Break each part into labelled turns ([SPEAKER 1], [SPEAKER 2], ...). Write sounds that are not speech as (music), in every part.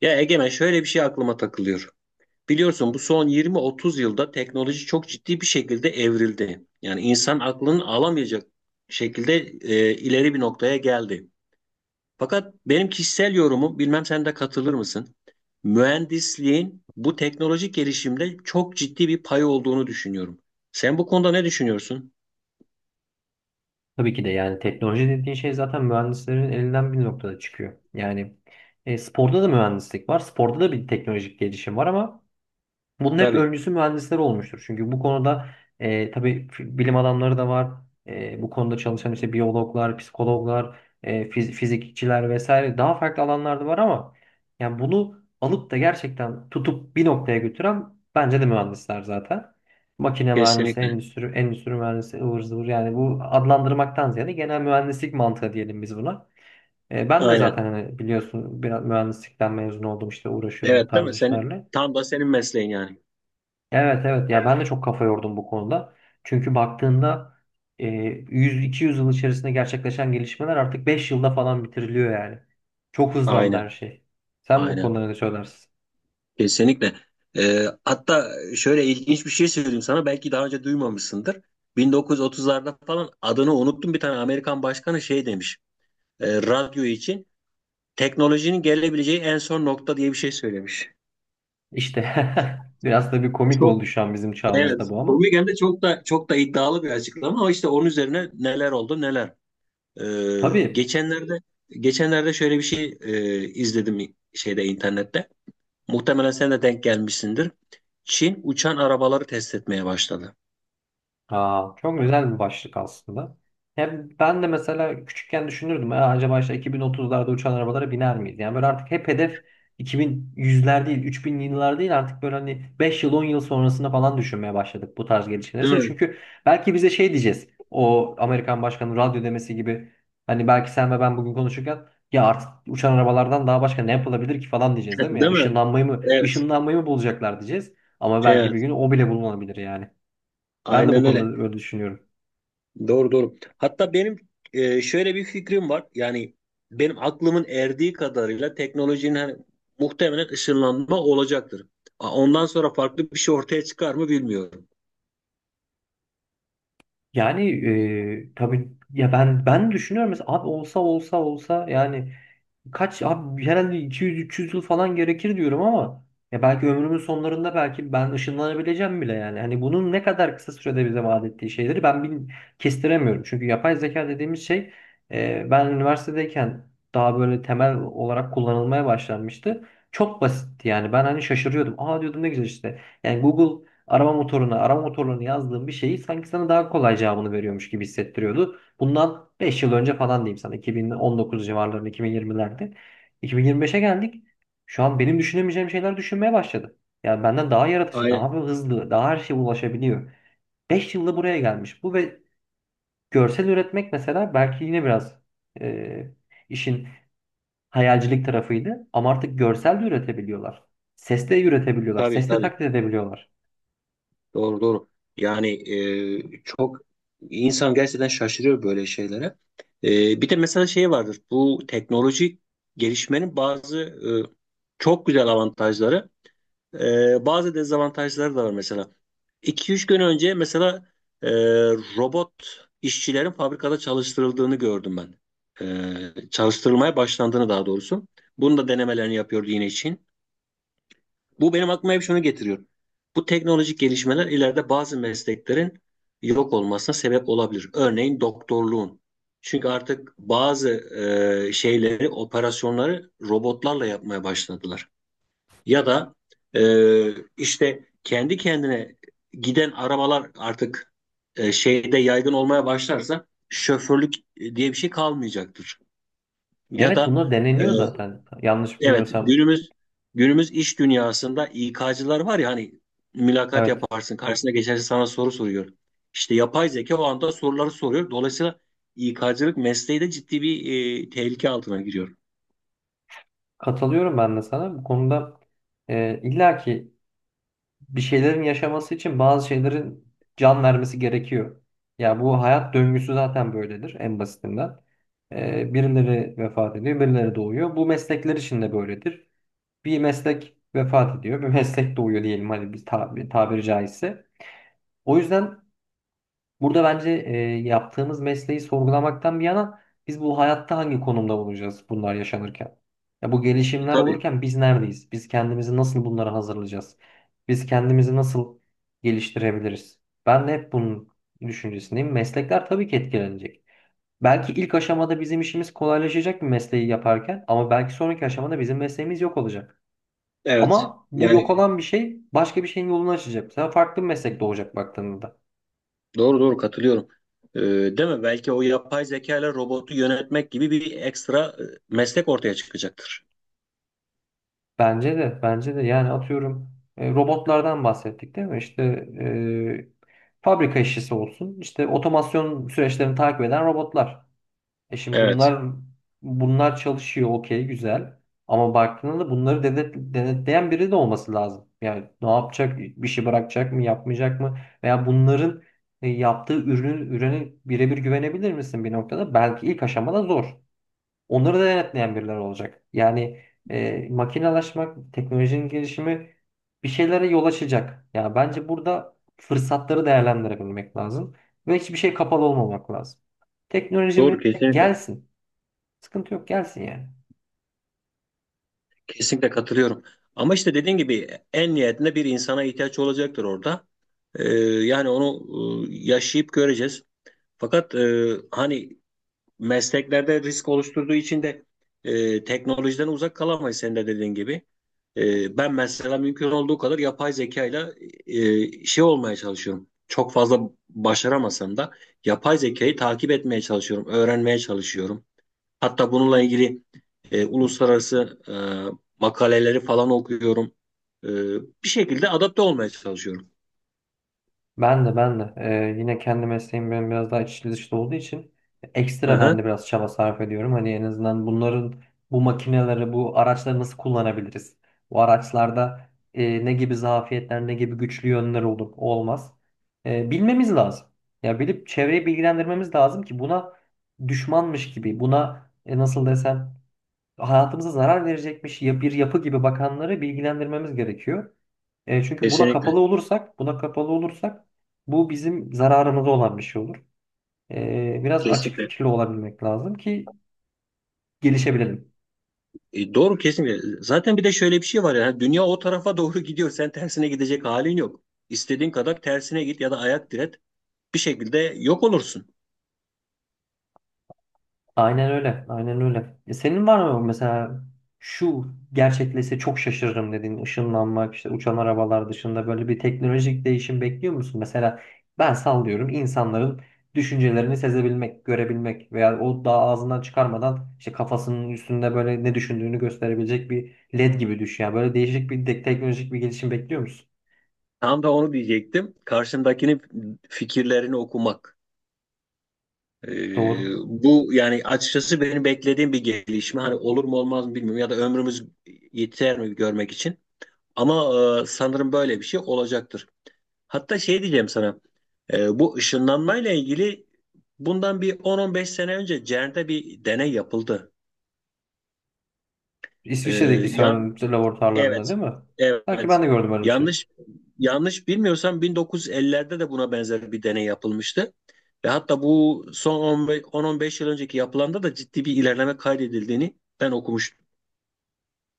[SPEAKER 1] Ya Egemen şöyle bir şey aklıma takılıyor. Biliyorsun bu son 20-30 yılda teknoloji çok ciddi bir şekilde evrildi. Yani insan aklının alamayacak şekilde ileri bir noktaya geldi. Fakat benim kişisel yorumum, bilmem sen de katılır mısın? Mühendisliğin bu teknolojik gelişimde çok ciddi bir payı olduğunu düşünüyorum. Sen bu konuda ne düşünüyorsun?
[SPEAKER 2] Tabii ki de, yani teknoloji dediğin şey zaten mühendislerin elinden bir noktada çıkıyor. Yani sporda da mühendislik var. Sporda da bir teknolojik gelişim var ama bunun hep
[SPEAKER 1] Tabii,
[SPEAKER 2] öncüsü mühendisler olmuştur. Çünkü bu konuda tabii, bilim adamları da var. Bu konuda çalışan işte biyologlar, psikologlar, fizikçiler vesaire, daha farklı alanlarda var ama yani bunu alıp da gerçekten tutup bir noktaya götüren bence de mühendisler zaten. Makine mühendisi,
[SPEAKER 1] kesinlikle.
[SPEAKER 2] endüstri mühendisi, ıvır zıvır, yani bu adlandırmaktan ziyade genel mühendislik mantığı diyelim biz buna. Ben de
[SPEAKER 1] Aynen.
[SPEAKER 2] zaten, hani biliyorsun, biraz mühendislikten mezun oldum, işte uğraşıyorum bu
[SPEAKER 1] Evet, değil
[SPEAKER 2] tarz
[SPEAKER 1] mi? Senin,
[SPEAKER 2] işlerle.
[SPEAKER 1] tam da senin mesleğin yani.
[SPEAKER 2] Evet, evet ya, ben de çok kafa yordum bu konuda. Çünkü baktığında, e, 100-200 yıl içerisinde gerçekleşen gelişmeler artık 5 yılda falan bitiriliyor yani. Çok hızlandı her
[SPEAKER 1] Aynen,
[SPEAKER 2] şey. Sen bu
[SPEAKER 1] aynen.
[SPEAKER 2] konuda ne söylersin?
[SPEAKER 1] Kesinlikle. Hatta şöyle ilginç bir şey söyleyeyim sana. Belki daha önce duymamışsındır. 1930'larda falan adını unuttum, bir tane Amerikan başkanı şey demiş. Radyo için teknolojinin gelebileceği en son nokta diye bir şey söylemiş.
[SPEAKER 2] İşte, (laughs) biraz da bir komik
[SPEAKER 1] Çok
[SPEAKER 2] oldu şu an bizim
[SPEAKER 1] evet,
[SPEAKER 2] çağımızda bu ama.
[SPEAKER 1] komik hem de, çok da iddialı bir açıklama, ama işte onun üzerine neler oldu neler. Ee,
[SPEAKER 2] Tabii.
[SPEAKER 1] geçenlerde geçenlerde şöyle bir şey izledim şeyde, internette. Muhtemelen sen de denk gelmişsindir. Çin uçan arabaları test etmeye başladı.
[SPEAKER 2] Aa, çok güzel bir başlık aslında. Hem ben de mesela küçükken düşünürdüm, "Aa, acaba işte 2030'larda uçan arabalara biner miyiz?" Yani böyle artık hep hedef 2100'ler değil, 3000'li yıllar değil, artık böyle hani 5 yıl 10 yıl sonrasına falan düşünmeye başladık bu tarz gelişmeler
[SPEAKER 1] Değil
[SPEAKER 2] için.
[SPEAKER 1] mi?
[SPEAKER 2] Çünkü belki bize şey diyeceğiz, o Amerikan başkanının radyo demesi gibi. Hani belki sen ve ben bugün konuşurken, "Ya artık uçan arabalardan daha başka ne yapılabilir ki?" falan diyeceğiz,
[SPEAKER 1] (laughs)
[SPEAKER 2] değil mi ya?
[SPEAKER 1] Değil mi?
[SPEAKER 2] Işınlanmayı mı,
[SPEAKER 1] Evet.
[SPEAKER 2] ışınlanmayı mı bulacaklar diyeceğiz. Ama belki bir
[SPEAKER 1] Evet.
[SPEAKER 2] gün o bile bulunabilir yani. Ben de bu
[SPEAKER 1] Aynen öyle.
[SPEAKER 2] konuda öyle düşünüyorum.
[SPEAKER 1] Doğru doğru. Hatta benim şöyle bir fikrim var. Yani benim aklımın erdiği kadarıyla teknolojinin hani muhtemelen ışınlanma olacaktır. Ondan sonra farklı bir şey ortaya çıkar mı bilmiyorum.
[SPEAKER 2] Yani tabii ya, ben düşünüyorum mesela, abi olsa olsa yani, kaç abi, herhalde 200-300 yıl falan gerekir diyorum. Ama ya belki ömrümün sonlarında, belki ben ışınlanabileceğim bile yani. Hani bunun ne kadar kısa sürede bize vaat ettiği şeyleri ben kestiremiyorum. Çünkü yapay zeka dediğimiz şey, ben üniversitedeyken daha böyle temel olarak kullanılmaya başlanmıştı. Çok basitti yani, ben hani şaşırıyordum. "Aa" diyordum, "ne güzel işte." Yani Google arama motoruna, arama motorlarını yazdığım bir şeyi sanki sana daha kolay cevabını veriyormuş gibi hissettiriyordu. Bundan 5 yıl önce falan diyeyim sana, 2019 civarlarında, 2020'lerde. 2025'e geldik. Şu an benim düşünemeyeceğim şeyler düşünmeye başladı. Yani benden daha yaratıcı, daha
[SPEAKER 1] Aynen.
[SPEAKER 2] hızlı, daha her şeye ulaşabiliyor. 5 yılda buraya gelmiş. Bu ve görsel üretmek mesela, belki yine biraz e, işin hayalcilik tarafıydı. Ama artık görsel de üretebiliyorlar. Ses de üretebiliyorlar.
[SPEAKER 1] Tabii
[SPEAKER 2] Ses de
[SPEAKER 1] tabii.
[SPEAKER 2] taklit edebiliyorlar.
[SPEAKER 1] Doğru doğru. Yani çok insan gerçekten şaşırıyor böyle şeylere. E, bir de mesela şey vardır. Bu teknolojik gelişmenin bazı çok güzel avantajları, bazı dezavantajları da var mesela. İki üç gün önce mesela e, robot işçilerin fabrikada çalıştırıldığını gördüm ben. Çalıştırılmaya başlandığını daha doğrusu. Bunun da denemelerini yapıyordu yine Çin. Bu benim aklıma hep şunu getiriyor. Bu teknolojik gelişmeler ileride bazı mesleklerin yok olmasına sebep olabilir. Örneğin doktorluğun. Çünkü artık bazı şeyleri, operasyonları robotlarla yapmaya başladılar. Ya da e, işte kendi kendine giden arabalar artık şeyde yaygın olmaya başlarsa, şoförlük diye bir şey kalmayacaktır. Ya
[SPEAKER 2] Evet,
[SPEAKER 1] da
[SPEAKER 2] bunlar
[SPEAKER 1] e,
[SPEAKER 2] deneniyor zaten, yanlış
[SPEAKER 1] evet,
[SPEAKER 2] bilmiyorsam.
[SPEAKER 1] günümüz iş dünyasında İK'cılar var ya hani, mülakat
[SPEAKER 2] Evet.
[SPEAKER 1] yaparsın karşısına geçerse sana soru soruyor. İşte yapay zeka o anda soruları soruyor. Dolayısıyla İK'cılık mesleği de ciddi bir tehlike altına giriyor.
[SPEAKER 2] Katılıyorum ben de sana. Bu konuda illa ki bir şeylerin yaşaması için bazı şeylerin can vermesi gerekiyor. Ya bu hayat döngüsü zaten böyledir, en basitinden. Birileri vefat ediyor, birileri doğuyor. Bu meslekler için de böyledir. Bir meslek vefat ediyor, bir (laughs) meslek doğuyor, diyelim hadi, bir tabiri caizse. O yüzden burada, bence, yaptığımız mesleği sorgulamaktan bir yana, biz bu hayatta hangi konumda olacağız bunlar yaşanırken? Ya bu
[SPEAKER 1] E,
[SPEAKER 2] gelişimler
[SPEAKER 1] tabii.
[SPEAKER 2] olurken biz neredeyiz? Biz kendimizi nasıl bunlara hazırlayacağız? Biz kendimizi nasıl geliştirebiliriz? Ben de hep bunun düşüncesindeyim. Meslekler tabii ki etkilenecek. Belki ilk aşamada bizim işimiz kolaylaşacak bir mesleği yaparken, ama belki sonraki aşamada bizim mesleğimiz yok olacak.
[SPEAKER 1] Evet.
[SPEAKER 2] Ama bu
[SPEAKER 1] Yani
[SPEAKER 2] yok olan bir şey başka bir şeyin yolunu açacak. Mesela farklı bir meslek doğacak baktığında.
[SPEAKER 1] doğru doğru, katılıyorum. Değil mi? Belki o yapay zeka ile robotu yönetmek gibi bir ekstra meslek ortaya çıkacaktır.
[SPEAKER 2] Bence de, bence de. Yani atıyorum, robotlardan bahsettik değil mi? İşte, fabrika işçisi olsun, işte otomasyon süreçlerini takip eden robotlar. Şimdi
[SPEAKER 1] Evet.
[SPEAKER 2] bunlar çalışıyor, okey, güzel. Ama baktığında da bunları, devlet, denetleyen biri de olması lazım. Yani ne yapacak, bir şey bırakacak mı, yapmayacak mı? Veya bunların yaptığı ürünün, ürüne birebir güvenebilir misin bir noktada? Belki ilk aşamada zor; onları da denetleyen birileri olacak. Yani makinelaşmak, teknolojinin gelişimi bir şeylere yol açacak. Yani bence burada fırsatları değerlendirebilmek lazım ve hiçbir şey kapalı olmamak lazım. Teknoloji
[SPEAKER 1] Doğru,
[SPEAKER 2] mi?
[SPEAKER 1] kesinlikle.
[SPEAKER 2] Gelsin. Sıkıntı yok, gelsin yani.
[SPEAKER 1] Kesinlikle katılıyorum. Ama işte dediğin gibi en nihayetinde bir insana ihtiyaç olacaktır orada. Yani onu yaşayıp göreceğiz. Fakat hani mesleklerde risk oluşturduğu için de teknolojiden uzak kalamayız, sen de dediğin gibi. E, ben mesela mümkün olduğu kadar yapay zekayla şey olmaya çalışıyorum. Çok fazla başaramasam da yapay zekayı takip etmeye çalışıyorum, öğrenmeye çalışıyorum. Hatta bununla ilgili uluslararası makaleleri falan okuyorum. E, bir şekilde adapte olmaya çalışıyorum.
[SPEAKER 2] Ben de, yine, kendi mesleğim benim biraz daha içli dışlı olduğu için,
[SPEAKER 1] Hı
[SPEAKER 2] ekstra ben de
[SPEAKER 1] hı.
[SPEAKER 2] biraz çaba sarf ediyorum. Hani en azından bunların, bu makineleri, bu araçları nasıl kullanabiliriz? Bu araçlarda ne gibi zafiyetler, ne gibi güçlü yönler olur, o olmaz, bilmemiz lazım. Ya bilip çevreyi bilgilendirmemiz lazım ki, buna düşmanmış gibi, buna nasıl desem, hayatımıza zarar verecekmiş, ya, bir yapı gibi bakanları bilgilendirmemiz gerekiyor. Çünkü buna
[SPEAKER 1] Kesinlikle.
[SPEAKER 2] kapalı olursak, buna kapalı olursak, bu bizim zararımıza olan bir şey olur. Biraz açık
[SPEAKER 1] Kesinlikle.
[SPEAKER 2] fikirli olabilmek lazım ki gelişebilelim.
[SPEAKER 1] E, doğru, kesinlikle. Zaten bir de şöyle bir şey var ya. Dünya o tarafa doğru (laughs) gidiyor. Sen tersine gidecek halin yok. İstediğin kadar tersine git ya da ayak diret. Bir şekilde yok olursun.
[SPEAKER 2] Aynen öyle. Aynen öyle. Senin var mı mesela, şu gerçekleşse çok şaşırırım dediğin, ışınlanmak, işte uçan arabalar dışında böyle bir teknolojik değişim bekliyor musun? Mesela, ben sallıyorum, insanların düşüncelerini sezebilmek, görebilmek veya o daha ağzından çıkarmadan işte kafasının üstünde böyle ne düşündüğünü gösterebilecek bir led gibi düşün. Yani böyle değişik bir teknolojik bir gelişim bekliyor musun?
[SPEAKER 1] Tam da onu diyecektim. Karşındakinin fikirlerini okumak. E,
[SPEAKER 2] Doğru.
[SPEAKER 1] bu yani açıkçası benim beklediğim bir gelişme. Hani olur mu olmaz mı bilmiyorum. Ya da ömrümüz yeter mi görmek için. Ama sanırım böyle bir şey olacaktır. Hatta şey diyeceğim sana. Bu ışınlanmayla ilgili bundan bir 10-15 sene önce CERN'de bir deney yapıldı. E,
[SPEAKER 2] İsviçre'deki
[SPEAKER 1] yan
[SPEAKER 2] CERN
[SPEAKER 1] evet.
[SPEAKER 2] laboratuvarlarında değil mi? Sanki
[SPEAKER 1] Evet.
[SPEAKER 2] ben de gördüm öyle bir şey.
[SPEAKER 1] Yanlış yanlış bilmiyorsam 1950'lerde de buna benzer bir deney yapılmıştı. Ve hatta bu son 15 10-15 yıl önceki yapılanda da ciddi bir ilerleme kaydedildiğini ben okumuştum.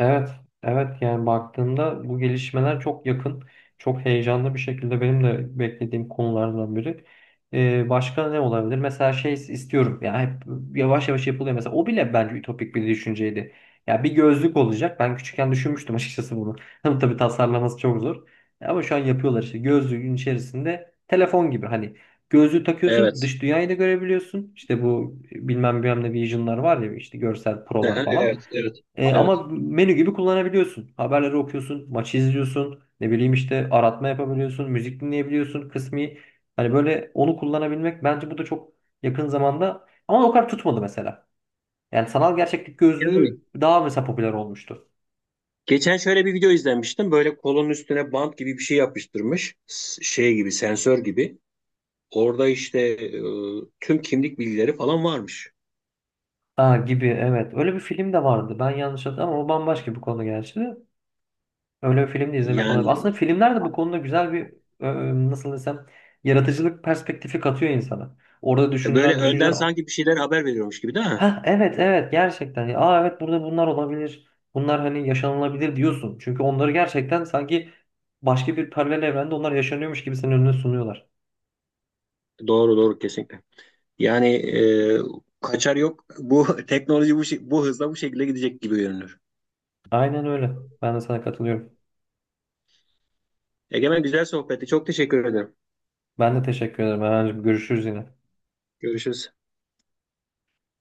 [SPEAKER 2] Evet, evet, yani baktığımda bu gelişmeler çok yakın, çok heyecanlı bir şekilde benim de beklediğim konulardan biri. Başka ne olabilir? Mesela şey istiyorum. Ya hep yavaş yavaş yapılıyor mesela; o bile bence ütopik bir düşünceydi. Ya, bir gözlük olacak. Ben küçükken düşünmüştüm açıkçası bunu. (laughs) Ama tabii tasarlaması çok zor. Ama şu an yapıyorlar işte. Gözlüğün içerisinde telefon gibi, hani, gözlüğü takıyorsun,
[SPEAKER 1] Evet.
[SPEAKER 2] dış dünyayı da görebiliyorsun. İşte bu bilmem bilmem ne vision'lar var ya, işte görsel prolar
[SPEAKER 1] Aha,
[SPEAKER 2] falan.
[SPEAKER 1] evet, evet,
[SPEAKER 2] E,
[SPEAKER 1] evet.
[SPEAKER 2] ama menü gibi kullanabiliyorsun. Haberleri okuyorsun, maçı izliyorsun, ne bileyim işte, aratma yapabiliyorsun, müzik dinleyebiliyorsun kısmi. Hani böyle onu kullanabilmek bence bu da çok yakın zamanda, ama o kadar tutmadı mesela. Yani sanal gerçeklik
[SPEAKER 1] Yani
[SPEAKER 2] gözlüğü daha mesela popüler olmuştu.
[SPEAKER 1] geçen şöyle bir video izlemiştim. Böyle kolonun üstüne bant gibi bir şey yapıştırmış. Şey gibi, sensör gibi. Orada işte tüm kimlik bilgileri falan varmış.
[SPEAKER 2] Aa, gibi, evet. Öyle bir film de vardı. Ben yanlış hatırladım, ama o bambaşka bir konu gerçi. Öyle bir film de
[SPEAKER 1] Aynen.
[SPEAKER 2] izlemiş olabilirim.
[SPEAKER 1] Yani evet.
[SPEAKER 2] Aslında filmler de bu konuda güzel bir, nasıl desem, yaratıcılık perspektifi katıyor insana. Orada
[SPEAKER 1] Böyle
[SPEAKER 2] düşünülen düşünceler.
[SPEAKER 1] önden sanki bir şeyler haber veriyormuş gibi, değil mi?
[SPEAKER 2] Ha, evet, evet, gerçekten. Ya, aa, evet, burada bunlar olabilir. Bunlar hani yaşanılabilir diyorsun. Çünkü onları gerçekten sanki başka bir paralel evrende onlar yaşanıyormuş gibi senin önüne sunuyorlar.
[SPEAKER 1] Doğru doğru, kesinlikle. Yani kaçar yok. Bu (laughs) teknoloji bu, bu hızla bu şekilde gidecek gibi görünür.
[SPEAKER 2] Aynen öyle. Ben de sana katılıyorum.
[SPEAKER 1] Egemen, güzel sohbetti. Çok teşekkür ederim.
[SPEAKER 2] Ben de teşekkür ederim. Erhan'cığım, görüşürüz yine.
[SPEAKER 1] Görüşürüz.